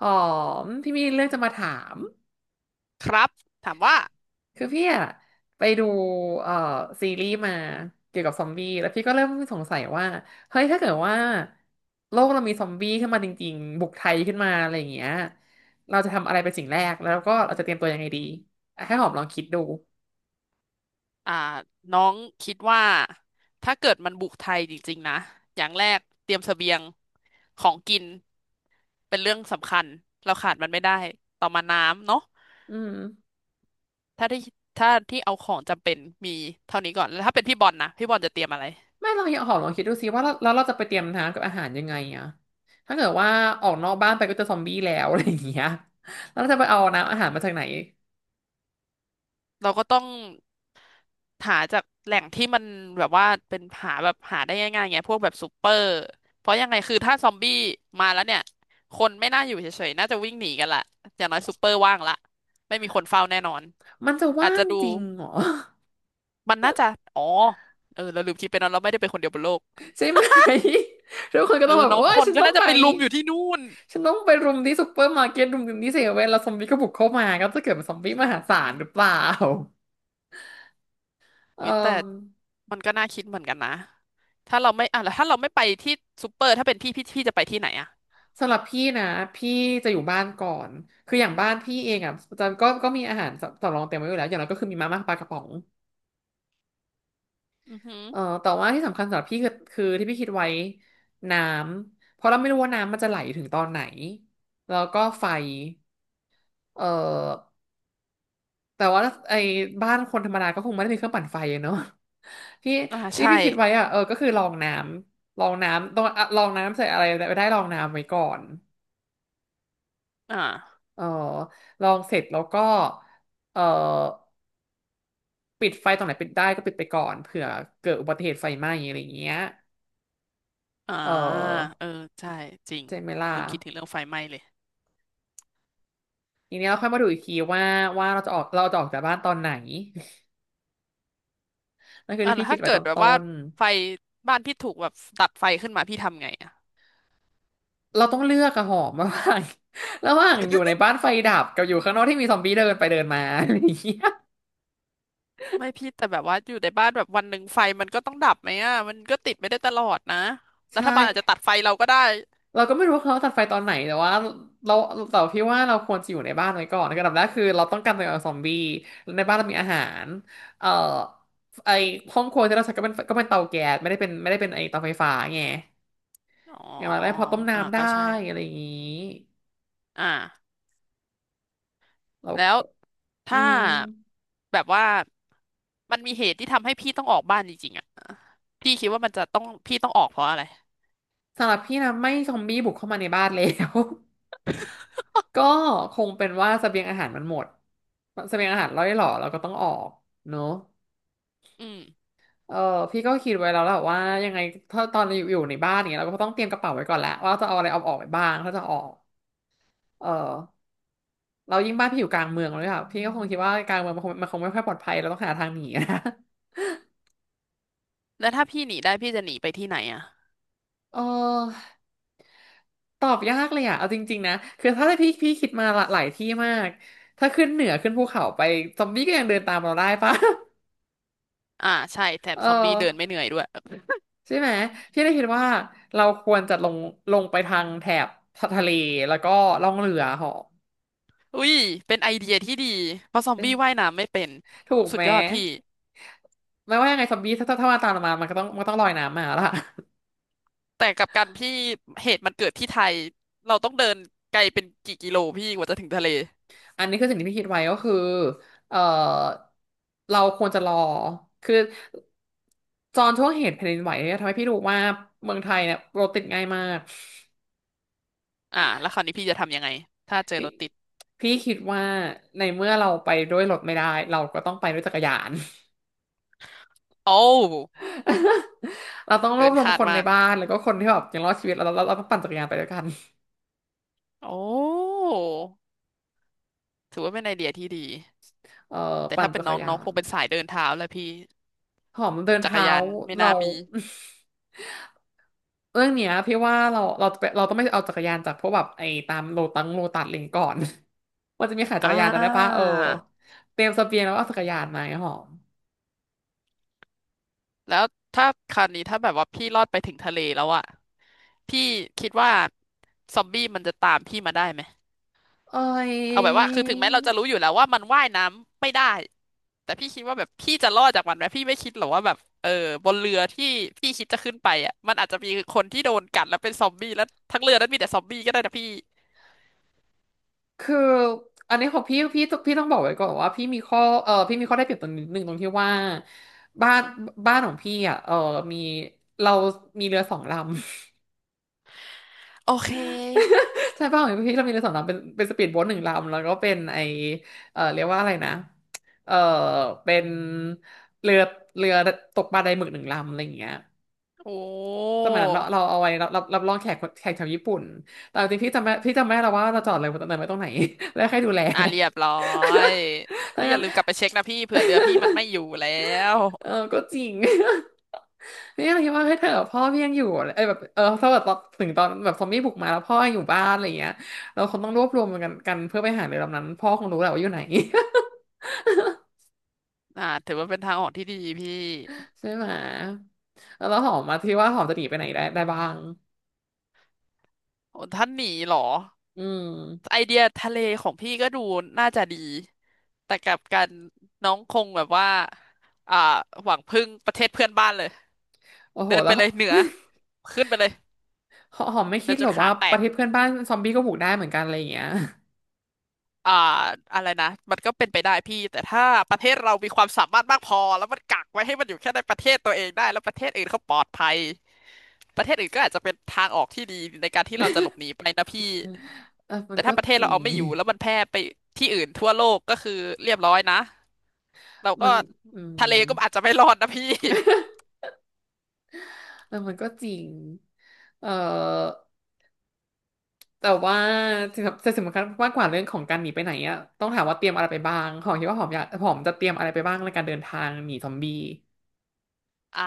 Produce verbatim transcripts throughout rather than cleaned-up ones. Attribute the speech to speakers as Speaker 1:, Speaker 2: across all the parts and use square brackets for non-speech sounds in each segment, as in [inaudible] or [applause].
Speaker 1: อ๋อมพี่มีเรื่องจะมาถาม
Speaker 2: ครับถามว่า
Speaker 1: คือพี่อะไปดูเอ่อซีรีส์มาเกี่ยวกับซอมบี้แล้วพี่ก็เริ่มสงสัยว่าเฮ้ยถ้าเกิดว่าโลกเรามีซอมบี้ขึ้นมาจริงๆบุกไทยขึ้นมาอะไรอย่างเงี้ยเราจะทำอะไรเป็นสิ่งแรกแล้วก็เราจะเตรียมตัวยังไงดีอ่ะให้หอมลองคิดดู
Speaker 2: อ่าน้องคิดว่าถ้าเกิดมันบุกไทยจริงๆนะอย่างแรกเตรียมเสบียงของกินเป็นเรื่องสำคัญเราขาดมันไม่ได้ต่อมาน้ำเนาะ
Speaker 1: อืม
Speaker 2: ถ้าที่ถ้าที่เอาของจำเป็นมีเท่านี้ก่อนแล้วถ้าเป็นพี่บอลนะพี่บอลจะเตรียมอะไร
Speaker 1: ไม่ลองหอมลองคิดดูสิว่าแล้วแล้วเราจะไปเตรียมน้ำกับอาหารยังไงอะถ้าเกิดว่าออกนอกบ้านไปก็เจะซอมบี้แล้วอะไรอย่างเงี้ยแล้วเราจะไปเอาน้ำอาหารมาจากไหน
Speaker 2: เราก็ต้องหาจากแหล่งที่มันแบบว่าเป็นหาแบบหาได้ง่ายๆไงพวกแบบซูเปอร์เพราะยังไงคือถ้าซอมบี้มาแล้วเนี่ยคนไม่น่าอยู่เฉยๆน่าจะวิ่งหนีกันละอย่างน้อยซูเปอร์ว่างละไม่มีคนเฝ้าแน่นอน
Speaker 1: มันจะ
Speaker 2: อาจ
Speaker 1: ว่า
Speaker 2: จะ
Speaker 1: ง
Speaker 2: ดู
Speaker 1: จริงเหรอ
Speaker 2: มันน่าจะอ๋อเออเราลืมคิดไปเนอะเราไม่ได้เป็นคนเดียวบนโลก
Speaker 1: ใช่ไหม [laughs] ทุกคนก็
Speaker 2: เอ
Speaker 1: ต้อง
Speaker 2: อ
Speaker 1: แบบ
Speaker 2: เนาะ
Speaker 1: ว่า
Speaker 2: คน
Speaker 1: ฉัน
Speaker 2: ก็
Speaker 1: ต้อง
Speaker 2: น่า
Speaker 1: ไป
Speaker 2: จะไปลุมอยู่ที่นู่น
Speaker 1: ฉันต้องไปรุมที่ซุปเปอร์มาร์เก็ตรุมที่เซเว่นแล้วซอมบี้ก็บุกเข้ามาก็จะเกิดเป็นซอมบี้มหาศาลหรือเปล่าเอ่อ
Speaker 2: อุ้ยแต่มันก็น่าคิดเหมือนกันนะถ้าเราไม่อ่ะแล้วถ้าเราไม่ไปที่ซูเปอร์ถ้าเป็นพี่พี่พี่จะไปที่ไหนอะ
Speaker 1: สำหรับพี่นะพี่จะอยู่บ้านก่อน คืออย่างบ้านพี่เองอ่ะจะก็ก็มีอาหารสำสำรองเต็มไว้อยู่แล้วอย่างเราก็คือมีมาม่าปลากระป๋อง
Speaker 2: อือหือ
Speaker 1: เอ่อแต่ว่าที่สำคัญสำหรับพี่คือคือที่พี่คิดไว้น้ำเพราะเราไม่รู้ว่าน้ำมันจะไหลถึงตอนไหนแล้วก็ไฟเอ่อ แต่ว่าไอ้บ้านคนธรรมดาก็คงไม่ได้มีเครื่องปั่นไฟอะเนาะ [laughs] ที่
Speaker 2: อ่า
Speaker 1: ที่
Speaker 2: ใช่
Speaker 1: พี่คิดไว้อะเออก็คือลองน้ำลองน้ำต้องอะลองน้ำใส่อะไรไปได้ลองน้ำไว้ก่อน
Speaker 2: อ่า
Speaker 1: เออลองเสร็จแล้วก็เออปิดไฟตรงไหนปิดได้ก็ปิดไปก่อนเผื่อเกิดอุบัติเหตุไฟไหม้อะไรอย่างเงี้ย
Speaker 2: อ่า
Speaker 1: เออ
Speaker 2: เออใช่จริง
Speaker 1: เจเมล่า
Speaker 2: ลืมคิดถึงเรื่องไฟไหม้เลย
Speaker 1: ทีนี้เราค่อยมาดูอีกทีว่าว่าเราจะออกเราจะออกจากบ้านตอนไหน [laughs] นั่นคือ
Speaker 2: อ่ะ
Speaker 1: ที่
Speaker 2: แล้
Speaker 1: พี่
Speaker 2: ว
Speaker 1: คิด
Speaker 2: ถ้า
Speaker 1: ไว้
Speaker 2: เกิ
Speaker 1: ต
Speaker 2: ด
Speaker 1: อน
Speaker 2: แบบ
Speaker 1: ต้
Speaker 2: ว่า
Speaker 1: น
Speaker 2: ไฟบ้านพี่ถูกแบบดับไฟขึ้นมาพี่ทำไงอ่ะ
Speaker 1: เราต้องเลือกอะหอมระหว่าง [laughs] ระหว่างอยู่ในบ้านไฟดับกับอยู่ข้างนอกที่มีซอมบี้เดินไปเดินมา [laughs] อะไรอย่างเงี้ย
Speaker 2: ไม่พี่แต่แบบว่าอยู่ในบ้านแบบวันหนึ่งไฟมันก็ต้องดับไหมอ่ะมันก็ติดไม่ได้ตลอดนะรั
Speaker 1: ใช่
Speaker 2: ฐบาลอาจจะตัดไฟเราก็ได้
Speaker 1: เราก็ไม่รู้ว่าเขาตัดไฟตอนไหนแต่ว่าเราแต่พี่ว่าเราควรจะอยู่ในบ้านไว้ก่อนอันดับแรกคือเราต้องกันตัวเองจากซอมบี้ในบ้านเรามีอาหารเอ่อไอห้องครัวที่เราใช้ก็เป็นก็เป็นเตาแก๊สไม่ได้เป็นไม่ได้เป็นไอเตาไฟฟ้าไง
Speaker 2: อ๋อ
Speaker 1: อย่างไรพอต้ม
Speaker 2: อ่า
Speaker 1: น้ำได้
Speaker 2: ก็ใช่
Speaker 1: อะไรอย่างงี้
Speaker 2: อ่า
Speaker 1: เรา
Speaker 2: แล้ว
Speaker 1: ก็อื
Speaker 2: ถ้า
Speaker 1: ม
Speaker 2: แบบว่ามันมีเหตุที่ทำให้พี่ต้องออกบ้านจริงๆอ่ะพี่คิดว่ามันจะต้องพี่ต้องออกเพราะอะไร
Speaker 1: สำหรับพี่นะไม่ซอมบี้บุกเข้ามาในบ้านแล้ว ก็คงเป็นว่าเสบียงอาหารมันหมดเสบียงอาหารร่อยหรอเราก็ต้องออกเนอะ
Speaker 2: อืม
Speaker 1: เออพี่ก็คิดไว้แล้วแหละว่ายังไงถ้าตอนอยู่อยู่ในบ้านอย่างเนี้ยเราก็ต้องเตรียมกระเป๋าไว้ก่อนแหละว่าจะเอาอะไรเอาออกไปบ้างถ้าจะออกเออเรายิ่งบ้านพี่อยู่กลางเมืองเลยค่ะพี่ก็คงคิดว่ากลางเมืองมันคงมันคงไม่ค่อยปลอดภัยเราต้องหาทางหนีนะ [laughs]
Speaker 2: แล้วถ้าพี่หนีได้พี่จะหนีไปที่ไหนอ่ะ
Speaker 1: เออตอบยากเลยอ่ะเอาจริงๆนะคือถ้าพี่พี่คิดมาหลายที่มากถ้าขึ้นเหนือขึ้นภูเขาไปซอมบี้ก็ยังเดินตามเราได้ปะ [laughs]
Speaker 2: อ่าใช่แถม
Speaker 1: เอ
Speaker 2: ซ
Speaker 1: อ
Speaker 2: อมบี้เดินไม่เหนื่อยด้วย
Speaker 1: ใช่ไหมพี่ได้คิดว่าเราควรจะลงลงไปทางแถบทะเลแล้วก็ล่องเรือเหาะ
Speaker 2: อุ้ยเป็นไอเดียที่ดีเพราะซอม
Speaker 1: เอ๊ะ
Speaker 2: บี้ว่ายน้ำไม่เป็น
Speaker 1: ถูก
Speaker 2: สุ
Speaker 1: ไห
Speaker 2: ด
Speaker 1: ม
Speaker 2: ยอดพี่
Speaker 1: ไม่ว่ายังไงซอมบี้ถ้าถ้าถ้ามาตามเรามามันก็ต้องมันก็ต้องลอยน้ำมาละ [laughs]
Speaker 2: แต่กับการพี่เหตุมันเกิดที่ไทยเราต้องเดินไกลเป็นกี่กิโลพี่กว่าจะถึงทะเล
Speaker 1: อันนี้คือสิ่งที่พี่คิดไว้ก็คือเอ่อเราควรจะรอคือตอนช่วงเหตุแผ่นดินไหวเนี่ยทำให้พี่รู้ว่าเมืองไทยเนี่ยรถติดง่ายมาก
Speaker 2: อ่าแล้วคราวนี้พี่จะทำยังไงถ้าเจอ
Speaker 1: พี่
Speaker 2: รถติด
Speaker 1: พี่คิดว่าในเมื่อเราไปด้วยรถไม่ได้เราก็ต้องไปด้วยจักรยาน
Speaker 2: โอ้ว
Speaker 1: [laughs] เราต้องร
Speaker 2: เกิ
Speaker 1: วบ
Speaker 2: น
Speaker 1: รวม
Speaker 2: คาด
Speaker 1: คนใน
Speaker 2: มาก
Speaker 1: บ้านแล้วก็คนที่แบบยังรอดชีวิตแล้วเราเราเราต้องปั่นจักรยานไปด้วยกัน
Speaker 2: โอ้ถือว่าเป็นไอเดียที่ดี
Speaker 1: เออ
Speaker 2: แต่
Speaker 1: ปั่น
Speaker 2: ถ้าเป็
Speaker 1: จั
Speaker 2: น
Speaker 1: ก
Speaker 2: น้
Speaker 1: ร
Speaker 2: อง
Speaker 1: ยา
Speaker 2: น้องค
Speaker 1: น
Speaker 2: งเป็นสายเดินเท้าแหละพี่
Speaker 1: หอมเดิน
Speaker 2: จักร
Speaker 1: เท้า
Speaker 2: ยานไม่น่า
Speaker 1: เรา
Speaker 2: มี
Speaker 1: [laughs] เรื่องเนี้ยพี่ว่าเราเราจะไปเราต้องไม่เอาจักรยานจากพวกแบบไอ้ตามโลตังโลตัสอะไรอย่างงี้ก่อน [laughs] ว่าจะมีขายจัก
Speaker 2: อ่า
Speaker 1: รยานจำได้ปะเออเตรียมเสบียงแล้วก็เอาจักรยานมาไงหอม
Speaker 2: แล้วถ้าคราวนี้ถ้าแบบว่าพี่รอดไปถึงทะเลแล้วอะ พี่คิดว่าซอมบี้มันจะตามพี่มาได้ไหม
Speaker 1: เอ้ย
Speaker 2: เอาแบบว่าคือถึงแม้เราจะรู้อยู่แล้วว่ามันว่ายน้ำไม่ได้แต่พี่คิดว่าแบบพี่จะรอดจากมันไหมพี่ไม่คิดหรอกว่าแบบเออบนเรือที่พี่คิดจะขึ้นไปอ่ะมันอาจจะมีคนที่โดนกัดแล้วเป็นซอมบี้แล้วทั้งเรือนั้นมีแต่ซอมบี้ก็ได้นะพี่
Speaker 1: คืออันนี้ของพี่พี่พี่ต้องบอกไว้ก่อนว่าพี่มีข้อเออพี่มีข้อได้เปรียบตรงนิดนึงตรงที่ว่าบ้านบ้านของพี่อ่ะเออมีเรามีเรือสองลำ
Speaker 2: โอเค
Speaker 1: [laughs] ใช่บ้านของพี่เรามีเรือสองลำเป็นเป็นสปีดโบ๊ทหนึ่งลำแล้วก็เป็นไอเออเรียกว่าอะไรนะเออเป็นเรือเรือตกปลาไดหมึกหนึ่งลำอะไรอย่างเงี้ย
Speaker 2: โอ้
Speaker 1: สมัยนั้นเราเราเอาไว้รับรับรับรองแขกแขกชาวญี่ปุ่นแต่จริงๆพี่จำไม่พี่จำไม่ได้แล้วว่าเราจอดเลยตรงไหนไว้ตรงไหน [laughs] แล้วใครดูแล
Speaker 2: อ่ะเรียบร้อย
Speaker 1: [laughs] ถ้า
Speaker 2: พี่อ
Speaker 1: งั้
Speaker 2: ย่า
Speaker 1: น
Speaker 2: ลืมกลับไปเช็คนะพี่เผื่อเรือพี่มันไม่อยู่แล้ว
Speaker 1: เออก็จริง เี่ยเคิดว่าเฮ้ยเธอพ่อพี่ยังอยู่เอ้แบบเออถ้าแบบถึงตอนแบบซอมบี้บุกมาแล้วพ่อยังอยู่บ้านอะไรอย่างเงี้ยเราคงต้องรวบรวมกันกันเพื่อไปหาเรือลำนั้นพ่อคงรู้แหละว่าอยู่ไหน
Speaker 2: อ่าถือว่าเป็นทางออกที่ดีพี่
Speaker 1: [laughs] ใช่ไหมแล้วหอมมาที่ว่าหอมจะหนีไปไหนได้ได้บ้าง
Speaker 2: โอ้ท่านหนีเหรอ
Speaker 1: อืม
Speaker 2: ไอเดียทะเลของพี่ก็ดูน่าจะดีแต่กลับกันน้องคงแบบว่าอ่าหวังพึ่งประเทศเพื่อนบ้านเลย
Speaker 1: โอ้โห
Speaker 2: เดิน
Speaker 1: แล้
Speaker 2: ไป
Speaker 1: ว
Speaker 2: เลยเหนือ
Speaker 1: [laughs]
Speaker 2: ขึ้นไปเลย
Speaker 1: หอหอมไม่คิ
Speaker 2: เดิ
Speaker 1: ด
Speaker 2: นจ
Speaker 1: หรอ
Speaker 2: น
Speaker 1: ก
Speaker 2: ขา
Speaker 1: ว่า
Speaker 2: แต
Speaker 1: ประ
Speaker 2: ก
Speaker 1: เทศเพื่อนบ้านซอมบี้ก็บุกได้เหมือนกันอะไรอย่างเงี้ย
Speaker 2: อ่าอะไรนะมันก็เป็นไปได้พี่แต่ถ้าประเทศเรามีความสามารถมากพอแล้วมันกักไว้ให้มันอยู่แค่ในประเทศตัวเองได้แล้วประเทศอื่นเขาปลอดภัยประเทศอื่นก็อาจจะเป็นทางออกที่ดีในการที่เราจะหลบหนีไปนะพี่
Speaker 1: [laughs] เออมั
Speaker 2: แต่
Speaker 1: นก็
Speaker 2: ถ้าประเทศ
Speaker 1: จริ
Speaker 2: เราเอา
Speaker 1: ง
Speaker 2: ไม่อยู่แล้วมันแพร่ไปที่อื่นทั่วโลกก็คือเรียบร้อยนะ เรา
Speaker 1: [laughs]
Speaker 2: ก็
Speaker 1: มันอื
Speaker 2: ทะเล
Speaker 1: ม
Speaker 2: ก็อาจจะไม่รอดนะพี่
Speaker 1: เออมันก็จริงเออ แต่ว่าจะสำคัญมากกว่าเรื่องของการหนีไปไหนอะต้องถามว่าเตรียมอะไรไปบ้างของคิดว่าหอมอยากหอมจะเตรียมอะไรไปบ้างในการเดินทางหนีซอมบี้
Speaker 2: [laughs] อ่า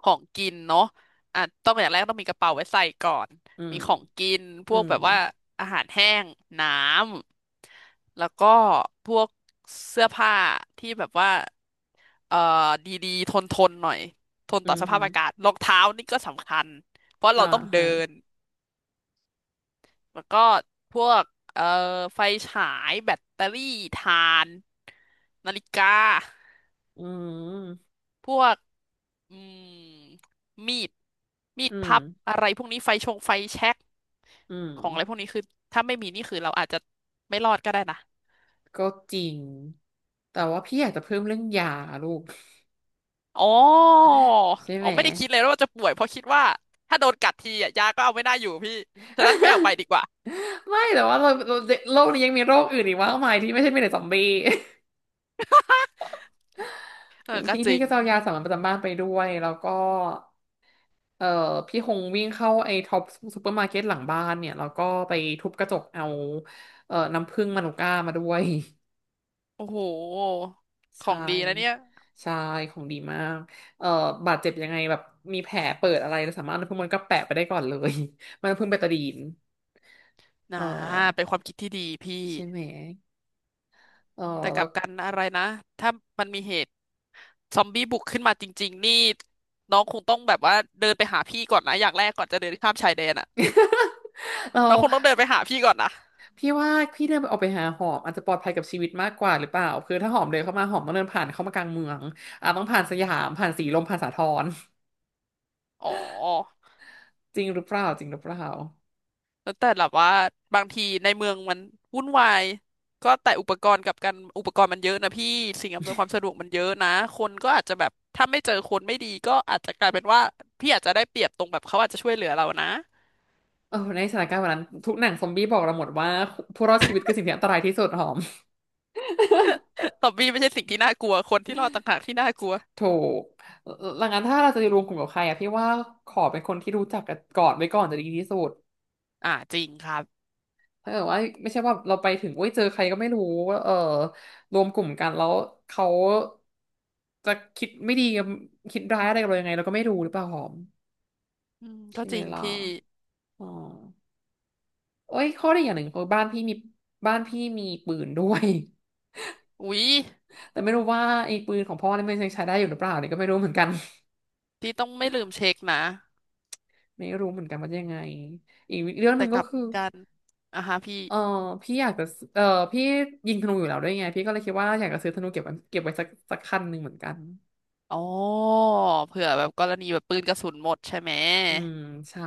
Speaker 2: ของกินเนาะอ่ะต้องอย่างแรกต้องมีกระเป๋าไว้ใส่ก่อน
Speaker 1: อืม
Speaker 2: มีของกินพ
Speaker 1: อื
Speaker 2: วก
Speaker 1: ม
Speaker 2: แบบว่าอาหารแห้งน้ำ แล้วก็พวกเสื้อผ้าที่แบบว่าเอ่อดีๆทนทนหน่อย ทน
Speaker 1: อื
Speaker 2: ต่อ
Speaker 1: ม
Speaker 2: ส
Speaker 1: ฮึ
Speaker 2: ภาพอากาศรองเท้านี่ก็สำคัญ เพราะเรา
Speaker 1: อ่า
Speaker 2: ต้องเดิ
Speaker 1: ฮะ
Speaker 2: น แล้วก็พวกเอ่อไฟฉายแบตเตอรี่ถ่านนาฬิกา
Speaker 1: อืม
Speaker 2: พวก อืมมีดมีด
Speaker 1: อืม
Speaker 2: พับอะไรพวกนี้ไฟชงไฟแช็ก
Speaker 1: อืม
Speaker 2: ของอะไรพวกนี้คือถ้าไม่มีนี่คือเราอาจจะไม่รอดก็ได้นะ
Speaker 1: ก็จริง แต่ว่าพี่อยากจะเพิ่มเรื่องยาลูก
Speaker 2: อ๋ออ
Speaker 1: ใช่
Speaker 2: ๋
Speaker 1: ไห
Speaker 2: อ
Speaker 1: ม
Speaker 2: ไม่ได้คิดเลยว่าจะป่วยเพราะคิดว่าถ้าโดนกัดทีอะยาก็เอาไม่ได้อยู่พี่ฉะนั้นไม่เอาไปดี
Speaker 1: [laughs]
Speaker 2: กว่า
Speaker 1: ไม่แต่ว่าเราเราโลกนี้ยังมีโรคอื่นอีกมากมายที่ไม่ใช่มีแต่ซอมบี้
Speaker 2: เออ
Speaker 1: [laughs]
Speaker 2: ก็
Speaker 1: พี่
Speaker 2: จ
Speaker 1: พี่
Speaker 2: ริง
Speaker 1: ก็จะเอายาสามัญประจำบ้านไปด้วยแล้วก็ เอ่อพี่หงวิ่งเข้าไอ้ท็อปซูเปอร์มาร์เก็ตหลังบ้านเนี่ยแล้วก็ไปทุบกระจกเอาเอ่อน้ำผึ้งมานูก้ามาด้วย
Speaker 2: โอ้โห
Speaker 1: [laughs]
Speaker 2: ของ
Speaker 1: ใช่
Speaker 2: ดีนะเนี่ย
Speaker 1: ใช่ของดีมากเอ่อบาดเจ็บยังไงแบบมีแผลเปิดอะไรเราสามารถเอาน้ำผึ้งมันก็แปะไปได้ก่อนเลย [laughs] มันน้ำผึ้งเบตาดีนเอ
Speaker 2: นะ
Speaker 1: อ
Speaker 2: เป็นความคิดที่ดีพี่
Speaker 1: ใช่ไหมเออ
Speaker 2: แต่ก
Speaker 1: แล้
Speaker 2: ลั
Speaker 1: ว
Speaker 2: บกันอะไรนะถ้ามันมีเหตุซอมบี้บุกขึ้นมาจริงๆนี่น้องคงต้องแบบว่าเดินไปหาพี่ก่อนนะอย่างแรกก่อนจะเดินข้ามชายแดนอะ
Speaker 1: [laughs] เรา
Speaker 2: เราคงต้องเดินไปหาพี่ก่อนนะ
Speaker 1: พี่ว่าพี่เดินออกไปหาหอมอาจจะปลอดภัยกับชีวิตมากกว่าหรือเปล่าคือถ้าหอมเดินเข้ามาหอมต้องเดินผ่านเข้ามากลางเมืองอ่ะต้องผ่านสยามผ่านสีลมผ่านสาทร
Speaker 2: อ๋อ
Speaker 1: จริงหรือเปล่าจริงหรือเปล่า
Speaker 2: แล้วแต่แบบว่าบางทีในเมืองมันวุ่นวายก็แต่อุปกรณ์กับการอุปกรณ์มันเยอะนะพี่สิ่งอำนวยความสะดวกมันเยอะนะคนก็อาจจะแบบถ้าไม่เจอคนไม่ดีก็อาจจะกลายเป็นว่าพี่อาจจะได้เปรียบตรงแบบเขาอาจจะช่วยเหลือเรานะ
Speaker 1: เออในสถานการณ์วันนั้นทุกหนังซอมบี้บอกเราหมดว่าผู้รอดชีวิตคือสิ่งที่อันตรายที่สุดหอม
Speaker 2: [laughs] ซอมบี้ไม่ใช่สิ่งที่น่ากลัวคนที่รอดต่างหากที่น่ากลัว
Speaker 1: ถูกหลังนั้นถ้าเราจะรวมกลุ่มกับใครอะพี่ว่าขอเป็นคนที่รู้จักกันก่อนไว้ก่อนจะดีที่สุด
Speaker 2: อ่าจริงครับ
Speaker 1: ถ้าเกิดว่าไม่ใช่ว่าเราไปถึงโอ้ยเจอใครก็ไม่รู้เออรวมกลุ่มกันแล้วเขาจะคิดไม่ดีกับคิดร้ายอะไรกับเรายังไงเราก็ไม่รู้หรือเปล่าหอม
Speaker 2: อืมก็
Speaker 1: ใช่
Speaker 2: จ
Speaker 1: ไหม
Speaker 2: ริง
Speaker 1: ล่ะ
Speaker 2: พี่
Speaker 1: อ๋อโอ้ยข้อดีอย่างหนึ่งคือบ้านพี่มีบ้านพี่มีปืนด้วย
Speaker 2: อุ๊ย
Speaker 1: แต่ไม่รู้ว่าไอ้ปืนของพ่อนี่มันยังใช้ได้อยู่หรือเปล่าเนี่ยก็ไม่รู้เหมือนกัน
Speaker 2: พี่ต้องไม่ลืมเช็คนะ
Speaker 1: [laughs] ไม่รู้เหมือนกันว่าจะยังไงอีกเรื่องห
Speaker 2: แต่
Speaker 1: นึ่ง
Speaker 2: ก
Speaker 1: ก็
Speaker 2: ลับ
Speaker 1: คือ
Speaker 2: กันอ่ะฮะพี่
Speaker 1: เออพี่อยากจะเออพี่ยิงธนูอยู่แล้วด้วยไงพี่ก็เลยคิดว่าอยากจะซื้อธนูเก็บไว้เก็บไว้สักสักคันหนึ่งเหมือนกัน
Speaker 2: อ๋อเผื่อแบบกรณีแบบปืนกระสุนหมดใช่ไหม
Speaker 1: อืมใช่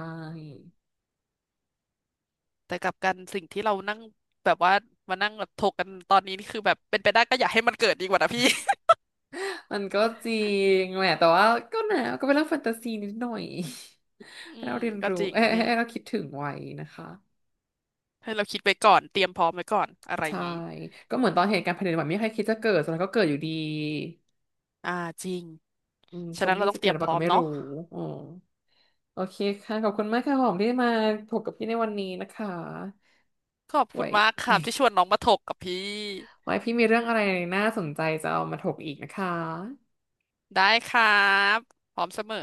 Speaker 2: แต่กลับกันสิ่งที่เรานั่งแบบว่ามานั่งแบบถกกันตอนนี้นี่คือแบบเป็นไปได้ก็อย่าให้มันเกิดดีกว่านะพี่
Speaker 1: มันก็จริงแหละแต่ว่าก็นะก็เป็นเรื่องแฟนตาซีนิดหน่อย
Speaker 2: [laughs]
Speaker 1: [laughs] ให้
Speaker 2: อื
Speaker 1: เรา
Speaker 2: ม
Speaker 1: เรียน
Speaker 2: ก็
Speaker 1: รู้
Speaker 2: จริง
Speaker 1: เอ้ย
Speaker 2: พี่
Speaker 1: ให้เราคิดถึงไว้นะคะ
Speaker 2: ให้เราคิดไว้ก่อนเตรียมพร้อมไว้ก่อนอะไรอ
Speaker 1: ใช่
Speaker 2: ย่างงี้
Speaker 1: ก็เหมือนตอนเหตุการณ์แผ่นดินไหวไม่มีใครคิดจะเกิดสุดท้ายก็เกิดอยู่ดี
Speaker 2: อ่าจริง
Speaker 1: อืม
Speaker 2: ฉะ
Speaker 1: ซอม
Speaker 2: นั้นเรา
Speaker 1: บี้
Speaker 2: ต้อง
Speaker 1: จะ
Speaker 2: เต
Speaker 1: เกิ
Speaker 2: รี
Speaker 1: ด
Speaker 2: ย
Speaker 1: ห
Speaker 2: ม
Speaker 1: รือ
Speaker 2: พ
Speaker 1: เปล่า
Speaker 2: ร้อ
Speaker 1: ก็
Speaker 2: ม
Speaker 1: ไม่
Speaker 2: เนาะ
Speaker 1: รู้อ๋อ โอเคค่ะขอบคุณมากค่ะหอมที่มาถกกับพี่ในวันนี้นะคะ
Speaker 2: ขอบ
Speaker 1: ไว
Speaker 2: คุณมากค
Speaker 1: ้
Speaker 2: รับที่ชวนน้องมาถกกับพี่
Speaker 1: ไว้พี่มีเรื่องอะไรน่าสนใจจะเอามาถกอีกนะคะ
Speaker 2: ได้ครับพร้อมเสมอ